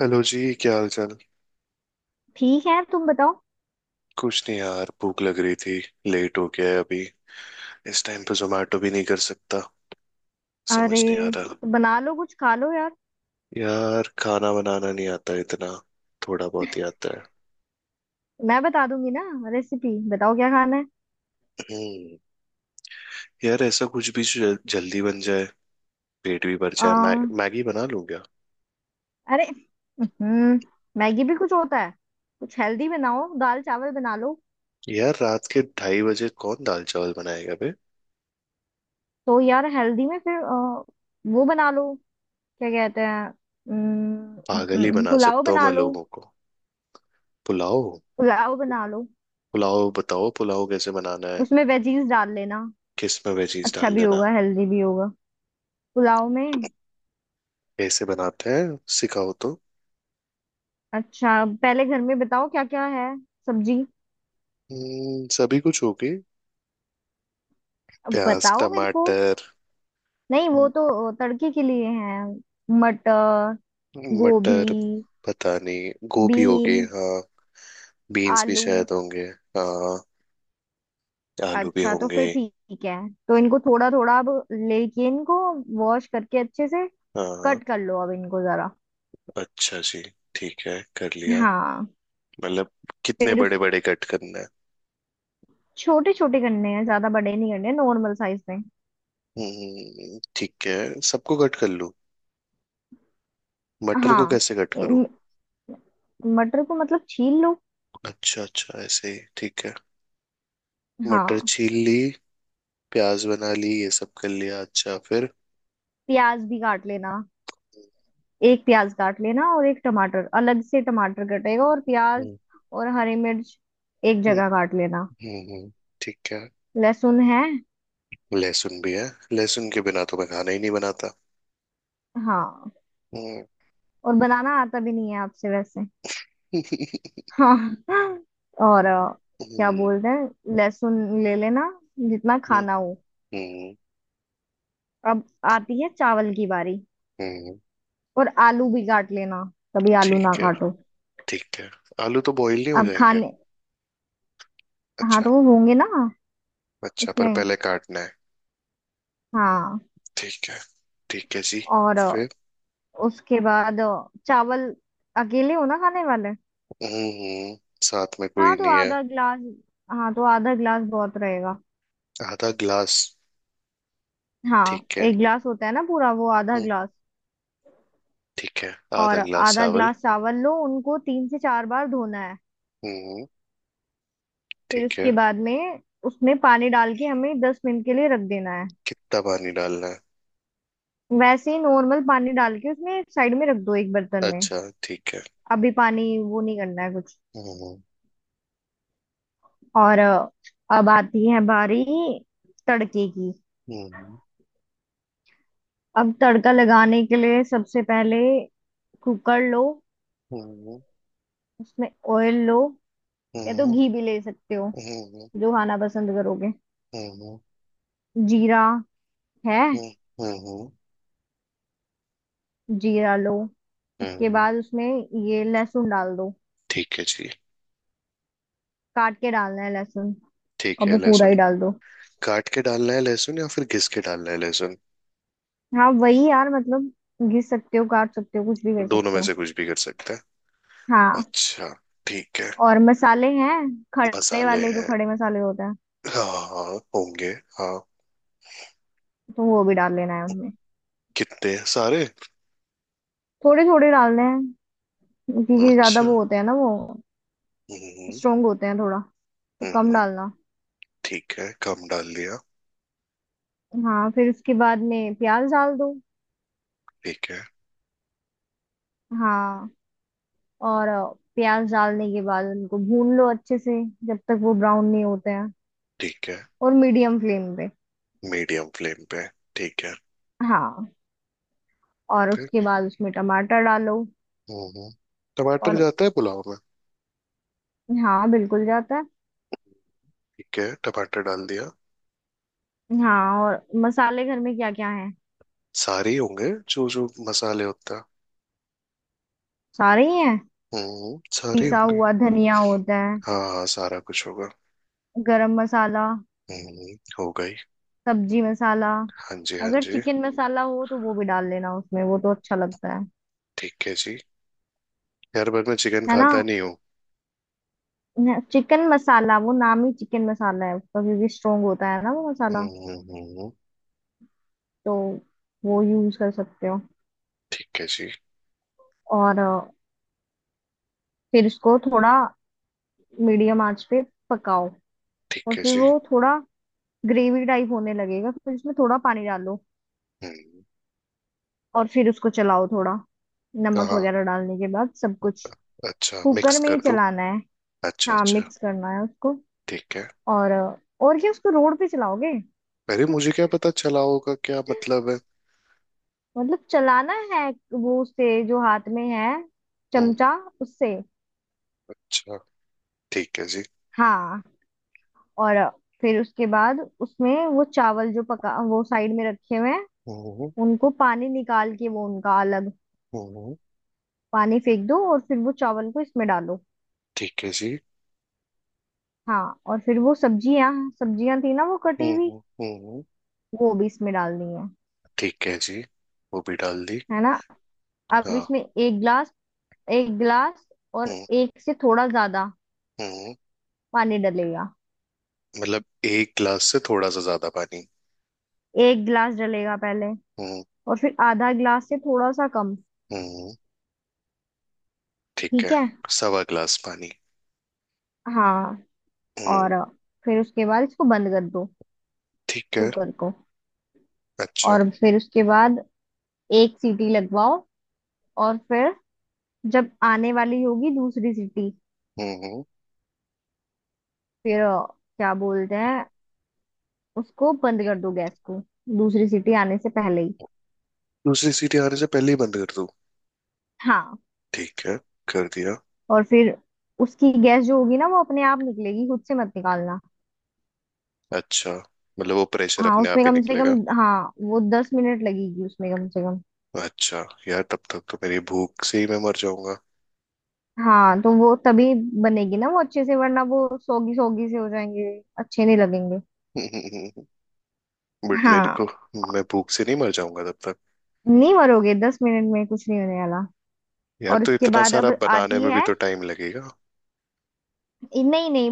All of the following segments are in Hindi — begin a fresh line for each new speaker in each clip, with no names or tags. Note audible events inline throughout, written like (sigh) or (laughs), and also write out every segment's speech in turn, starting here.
हेलो जी, क्या हाल चाल।
ठीक है तुम बताओ।
कुछ नहीं यार, भूख लग रही थी। लेट हो गया है अभी। इस टाइम पे जोमेटो भी नहीं कर सकता। समझ
अरे।
नहीं आ रहा।
तो बना लो कुछ खा लो यार।
यार, खाना बनाना नहीं आता इतना। थोड़ा बहुत ही आता है।
मैं बता दूंगी ना। रेसिपी बताओ क्या खाना है।
हम्म। यार, ऐसा कुछ भी जो जल्दी बन जाए, पेट भी भर
आ,
जाए। मैगी बना लूं क्या।
अरे। हम्म। मैगी भी कुछ होता है। कुछ हेल्दी बनाओ दाल चावल बना लो।
यार, रात के 2:30 बजे कौन दाल चावल बनाएगा बे।
तो यार हेल्दी में फिर वो बना लो। क्या कहते हैं
पागल ही बना
पुलाव
सकता हूँ
बना
मैं
लो।
लोगों को। पुलाव।
पुलाव बना लो।
पुलाव बताओ, पुलाव कैसे बनाना है।
उसमें वेजीज डाल लेना।
किस में वेजीज
अच्छा
डाल
भी
देना।
होगा हेल्दी भी होगा पुलाव में।
कैसे बनाते हैं सिखाओ तो।
अच्छा पहले घर में बताओ क्या क्या है। सब्जी।
सभी कुछ होगी।
अब
प्याज,
बताओ मेरे को।
टमाटर।
नहीं वो
म-
तो तड़के के लिए हैं। मटर। गोभी।
मटर। पता नहीं, गोभी होगी
बीन्स।
हाँ। बीन्स भी
आलू।
शायद होंगे। हाँ, आलू भी
अच्छा तो
होंगे।
फिर ठीक है। तो इनको थोड़ा थोड़ा अब लेके इनको वॉश करके अच्छे से
हाँ।
कट कर लो अब इनको जरा।
अच्छा जी। ठीक है कर लिया।
हाँ।
मतलब कितने
फिर
बड़े
उसके
बड़े कट करना है।
छोटे छोटे करने हैं ज्यादा बड़े नहीं करने नॉर्मल साइज में।
हम्म, ठीक है सबको कट कर लूँ। मटर को
हाँ।
कैसे कट करूँ।
इन- मटर को मतलब छील लो।
अच्छा अच्छा ऐसे ही ठीक है। मटर
हाँ।
छील ली, प्याज बना ली, ये सब कर लिया। अच्छा फिर।
प्याज भी काट लेना। एक प्याज काट लेना और एक टमाटर अलग से टमाटर कटेगा और प्याज
हम्म
और हरी मिर्च एक
हम्म
जगह काट लेना।
हम्म। ठीक है।
लहसुन है।
लहसुन भी है। लहसुन के बिना तो मैं खाना ही नहीं बनाता।
हाँ।
हम्म।
और बनाना आता भी नहीं है आपसे वैसे।
(laughs)
हाँ। और क्या
हम्म
बोलते हैं लहसुन ले लेना जितना
हम्म,
खाना हो।
हम्म,
अब आती है चावल की बारी।
हम्म,
और आलू भी काट लेना। कभी आलू ना
ठीक है
काटो।
ठीक है आलू तो बॉईल नहीं हो
अब
जाएंगे
खाने। हाँ
अच्छा
तो वो होंगे ना
अच्छा पर
उसमें।
पहले काटना है
हाँ
ठीक है ठीक है जी
और
फिर
उसके बाद चावल अकेले हो ना खाने वाले।
हम्म साथ में कोई
हाँ तो
नहीं है
आधा ग्लास। हाँ तो आधा ग्लास बहुत रहेगा।
आधा ग्लास
हाँ
ठीक है
एक ग्लास होता है ना पूरा वो आधा
हम्म
ग्लास।
ठीक है
और
½ ग्लास
आधा
चावल
ग्लास चावल लो उनको 3 से 4 बार धोना है।
हम्म
फिर
ठीक है
उसके बाद में उसमें पानी डाल के हमें 10 मिनट के लिए रख देना है।
कितना पानी डालना है
वैसे ही नॉर्मल पानी डाल के उसमें साइड में रख दो एक बर्तन में।
अच्छा ठीक है
अभी पानी वो नहीं करना है कुछ।
हम्म
और अब आती है बारी तड़के की।
हम्म
अब तड़का लगाने के लिए सबसे पहले कुकर लो।
हम्म
उसमें ऑयल लो। या तो
हम्म
घी भी ले सकते हो
हम्म
जो खाना पसंद करोगे।
हम्म
जीरा है।
हम्म। हम्म,
जीरा लो।
हम्म,
उसके
हम्म।
बाद उसमें ये लहसुन डाल दो।
ठीक है जी।
काट के डालना है लहसुन।
ठीक
और
है।
वो पूरा
लहसुन
ही डाल दो।
काट के डालना है लहसुन, या फिर घिस के डालना है लहसुन।
हाँ वही यार मतलब घिस सकते हो काट सकते हो कुछ भी कर
दोनों
सकते
में
हो।
से कुछ भी कर सकते हैं।
हाँ।
अच्छा। ठीक है।
और मसाले हैं खड़े
मसाले
वाले जो
हैं,
खड़े मसाले होते हैं।
हाँ हाँ होंगे। हाँ।
तो वो भी डाल लेना है उनमें।
कितने हैं? सारे।
थोड़े थोड़े डालने हैं क्योंकि ज्यादा
अच्छा।
वो होते हैं ना वो
हम्म।
स्ट्रोंग होते हैं थोड़ा। तो कम
हम्म,
डालना।
ठीक है कम डाल दिया।
हाँ फिर उसके बाद में प्याज डाल दो।
ठीक है।
हाँ और प्याज डालने के बाद उनको भून लो अच्छे से जब तक वो ब्राउन नहीं होते हैं।
ठीक है
और मीडियम फ्लेम पे।
मीडियम फ्लेम पे। ठीक है।
हाँ और
फिर।
उसके बाद उसमें टमाटर डालो।
हम्म। टमाटर
और
जाता है पुलाव में।
हाँ बिल्कुल जाता है।
ठीक है टमाटर डाल दिया।
हाँ और मसाले घर में क्या क्या है।
सारे ही होंगे जो जो मसाले होते हैं।
सारे ही हैं।
हम्म, सारे
पिसा
होंगे।
हुआ धनिया होता है।
हाँ हाँ सारा कुछ होगा।
गरम मसाला।
हो गई।
सब्जी मसाला।
हाँ जी, हाँ
अगर
जी।
चिकन मसाला हो तो वो भी डाल लेना उसमें वो तो अच्छा लगता है।
ठीक है जी। यार पर मैं चिकन
है ना।
खाता नहीं हूँ।
चिकन मसाला वो नाम ही चिकन मसाला है उसका क्योंकि स्ट्रोंग होता है ना वो मसाला।
हम्म।
तो वो यूज कर सकते हो।
ठीक है जी।
और फिर इसको थोड़ा मीडियम आंच पे पकाओ। और
ठीक है
फिर
जी।
वो थोड़ा ग्रेवी टाइप होने लगेगा फिर इसमें थोड़ा पानी डालो।
हम्म।
और फिर उसको चलाओ थोड़ा नमक
कहाँ?
वगैरह डालने के बाद सब कुछ।
अच्छा मिक्स
कुकर में ही
कर दूँ।
चलाना है।
अच्छा
हाँ
अच्छा।
मिक्स करना है उसको।
ठीक है।
और और क्या उसको रोड पे चलाओगे।
अरे मुझे क्या पता चला होगा क्या मतलब है।
मतलब चलाना है वो उससे जो हाथ में है
हम्म।
चमचा उससे।
अच्छा। ठीक है जी।
हाँ। और फिर उसके बाद उसमें वो चावल जो पका वो साइड में रखे हुए हैं
हम्म
उनको पानी निकाल के वो उनका अलग
हम्म।
पानी फेंक दो और फिर वो चावल को इसमें डालो।
ठीक है जी।
हाँ और फिर वो सब्जियां सब्जियां थी ना वो कटी हुई
हम्म हम्म।
वो भी इसमें डालनी है।
ठीक है जी, वो भी डाल दी।
है ना। अब
हाँ।
इसमें एक गिलास और
हम्म
एक से थोड़ा ज्यादा
हम्म।
पानी डलेगा।
मतलब 1 गिलास से थोड़ा सा ज्यादा पानी।
एक गिलास डलेगा पहले।
हम्म
और फिर आधा गिलास से थोड़ा सा कम।
हम्म। ठीक
ठीक
है।
है।
1¼ ग्लास पानी।
हाँ
हम्म।
और फिर उसके बाद इसको बंद कर दो
ठीक है।
कुकर को।
अच्छा।
और फिर उसके बाद एक सीटी लगवाओ। और फिर जब आने वाली होगी दूसरी सीटी
हम्म हम्म।
फिर क्या बोलते हैं उसको बंद कर दो गैस को दूसरी सीटी आने से पहले ही।
दूसरी सीटी आने से पहले ही बंद कर दूं।
हाँ।
ठीक है कर दिया।
और फिर उसकी गैस जो होगी ना वो अपने आप निकलेगी खुद से मत निकालना।
अच्छा, मतलब वो प्रेशर
हाँ
अपने
उसमें
आप ही
कम से कम।
निकलेगा।
हाँ वो 10 मिनट लगेगी उसमें कम से कम।
अच्छा यार, तब तक तो मेरी भूख से ही मैं मर जाऊंगा।
हाँ तो वो तभी बनेगी ना वो अच्छे से वरना वो सोगी सोगी से हो जाएंगे अच्छे नहीं लगेंगे।
(laughs) बट मेरे को,
हाँ
मैं भूख से नहीं मर जाऊंगा तब तक।
नहीं मरोगे 10 मिनट में कुछ नहीं होने वाला।
यार
और
तो
उसके
इतना
बाद
सारा
अब
बनाने
आती
में भी
है
तो टाइम लगेगा।
नहीं नहीं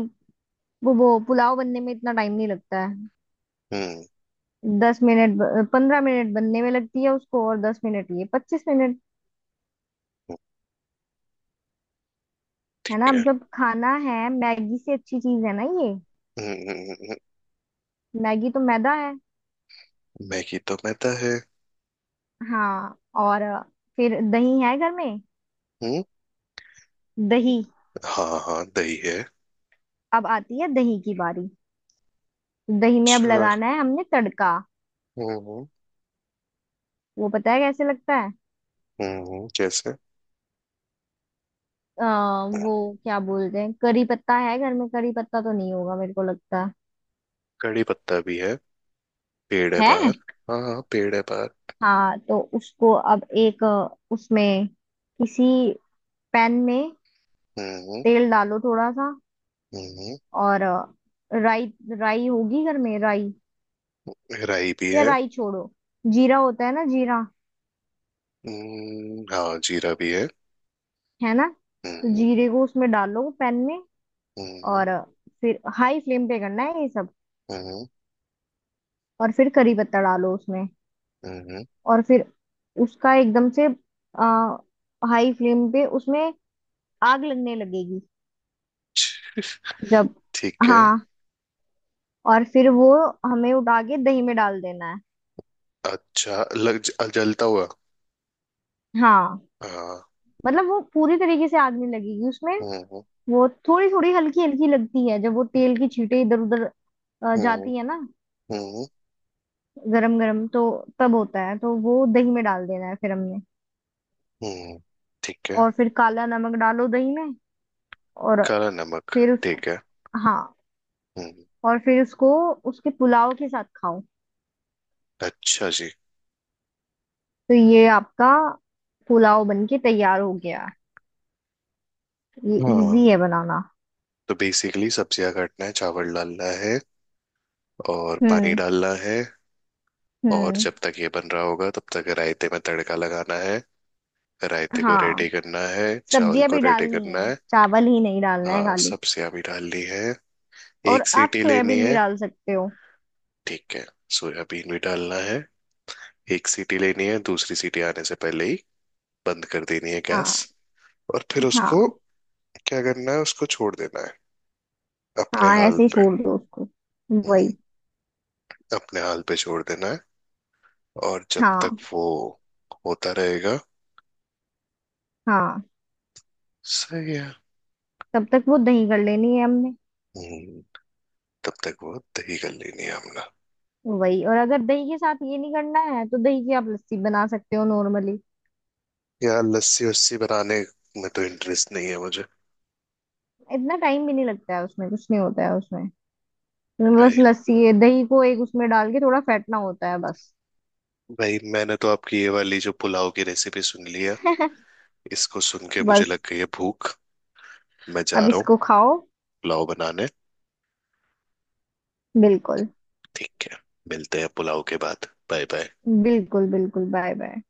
वो पुलाव बनने में इतना टाइम नहीं लगता है।
हम्म।
10 मिनट 15 मिनट बनने में लगती है उसको और 10 मिनट ये 25 मिनट। है ना
ठीक
अब
है।
जब खाना है मैगी से अच्छी चीज है ना ये।
हम्म।
मैगी तो मैदा है।
मैगी तो मैदा है।
हाँ और फिर दही है घर में।
हम्म।
दही।
हाँ हाँ दही है।
अब आती है दही की बारी। दही में अब
अच्छा।
लगाना है हमने तड़का।
हम्म।
वो पता है कैसे लगता है।
जैसे।
वो क्या बोलते हैं करी पत्ता है घर में करी पत्ता तो नहीं होगा मेरे को लगता
कड़ी पत्ता भी है, पेड़ है
है।
बाहर। हाँ हाँ पेड़ है बाहर।
हाँ तो उसको अब एक उसमें किसी पैन में
हम्म।
तेल डालो थोड़ा सा।
हम्म।
और राई राई होगी घर में राई।
राई भी
या
है।
राई छोड़ो। जीरा होता है ना जीरा।
हम्म, हाँ जीरा भी है।
है ना। तो
हम्म।
जीरे को उसमें डालो पैन में।
हम्म
और फिर हाई फ्लेम पे करना है ये सब।
हम्म
और फिर करी पत्ता डालो उसमें।
हम्म।
और फिर उसका एकदम से हाई फ्लेम पे उसमें आग लगने लगेगी जब।
ठीक है।
हाँ और फिर वो हमें उठा के दही में डाल देना है।
अच्छा लग जलता हुआ।
हाँ
हाँ।
मतलब वो पूरी तरीके से आग नहीं लगेगी उसमें।
हम्म
वो थोड़ी थोड़ी हल्की हल्की लगती है जब वो तेल की छींटे इधर उधर
हम्म
जाती है ना।
हम्म
गरम गरम तो तब होता है तो वो दही में डाल देना है फिर हमने।
हम्म। ठीक है।
और फिर काला नमक डालो दही में। और
काला नमक।
फिर उसको।
ठीक है।
हाँ
हम्म।
और फिर उसको उसके पुलाव के साथ खाओ।
अच्छा जी।
तो ये आपका पुलाव बन के तैयार हो गया। ये इजी
हाँ
है बनाना।
तो बेसिकली सब्जियां काटना है, चावल डालना है, और पानी
हम्म।
डालना है। और
हम्म।
जब तक ये बन रहा होगा तब तक रायते में तड़का लगाना है। रायते को
हाँ।
रेडी करना है, चावल
सब्जियां
को
भी
रेडी
डालनी
करना
है
है।
चावल ही नहीं डालना है
हाँ
खाली।
सब्जियां भी डालनी है।
और
एक
आप
सीटी लेनी
सोयाबीन भी
है।
डाल सकते हो।
ठीक है। सोयाबीन भी डालना है। एक सीटी लेनी है, दूसरी सीटी आने से पहले ही बंद कर देनी है गैस।
हाँ।
और फिर उसको
हाँ।
क्या करना है, उसको छोड़ देना है अपने
हाँ
हाल
ऐसे ही
पे।
छोड़ दो उसको।
हम्म,
वही।
अपने हाल पे छोड़ देना है। और जब तक
हाँ।
वो होता रहेगा।
हाँ
सही है।
तब तक वो दही कर लेनी है हमने।
हम्म, तब तक वो दही कर लेनी है हमने।
वही और अगर दही के साथ ये नहीं करना है तो दही की आप लस्सी बना सकते हो नॉर्मली।
यार लस्सी वस्सी बनाने में तो इंटरेस्ट नहीं है मुझे।
इतना टाइम भी नहीं लगता है उसमें कुछ नहीं होता है उसमें। बस
भाई,
लस्सी है दही को एक उसमें डाल के थोड़ा फेंटना होता है बस।
भाई मैंने तो आपकी ये वाली जो पुलाव की रेसिपी सुन ली है, इसको सुन के मुझे लग
बस
गई है भूख। मैं जा
अब
रहा हूँ
इसको खाओ।
पुलाव बनाने।
बिल्कुल
ठीक है। मिलते हैं पुलाव के बाद। Bye bye.
बिल्कुल बिल्कुल बाय बाय।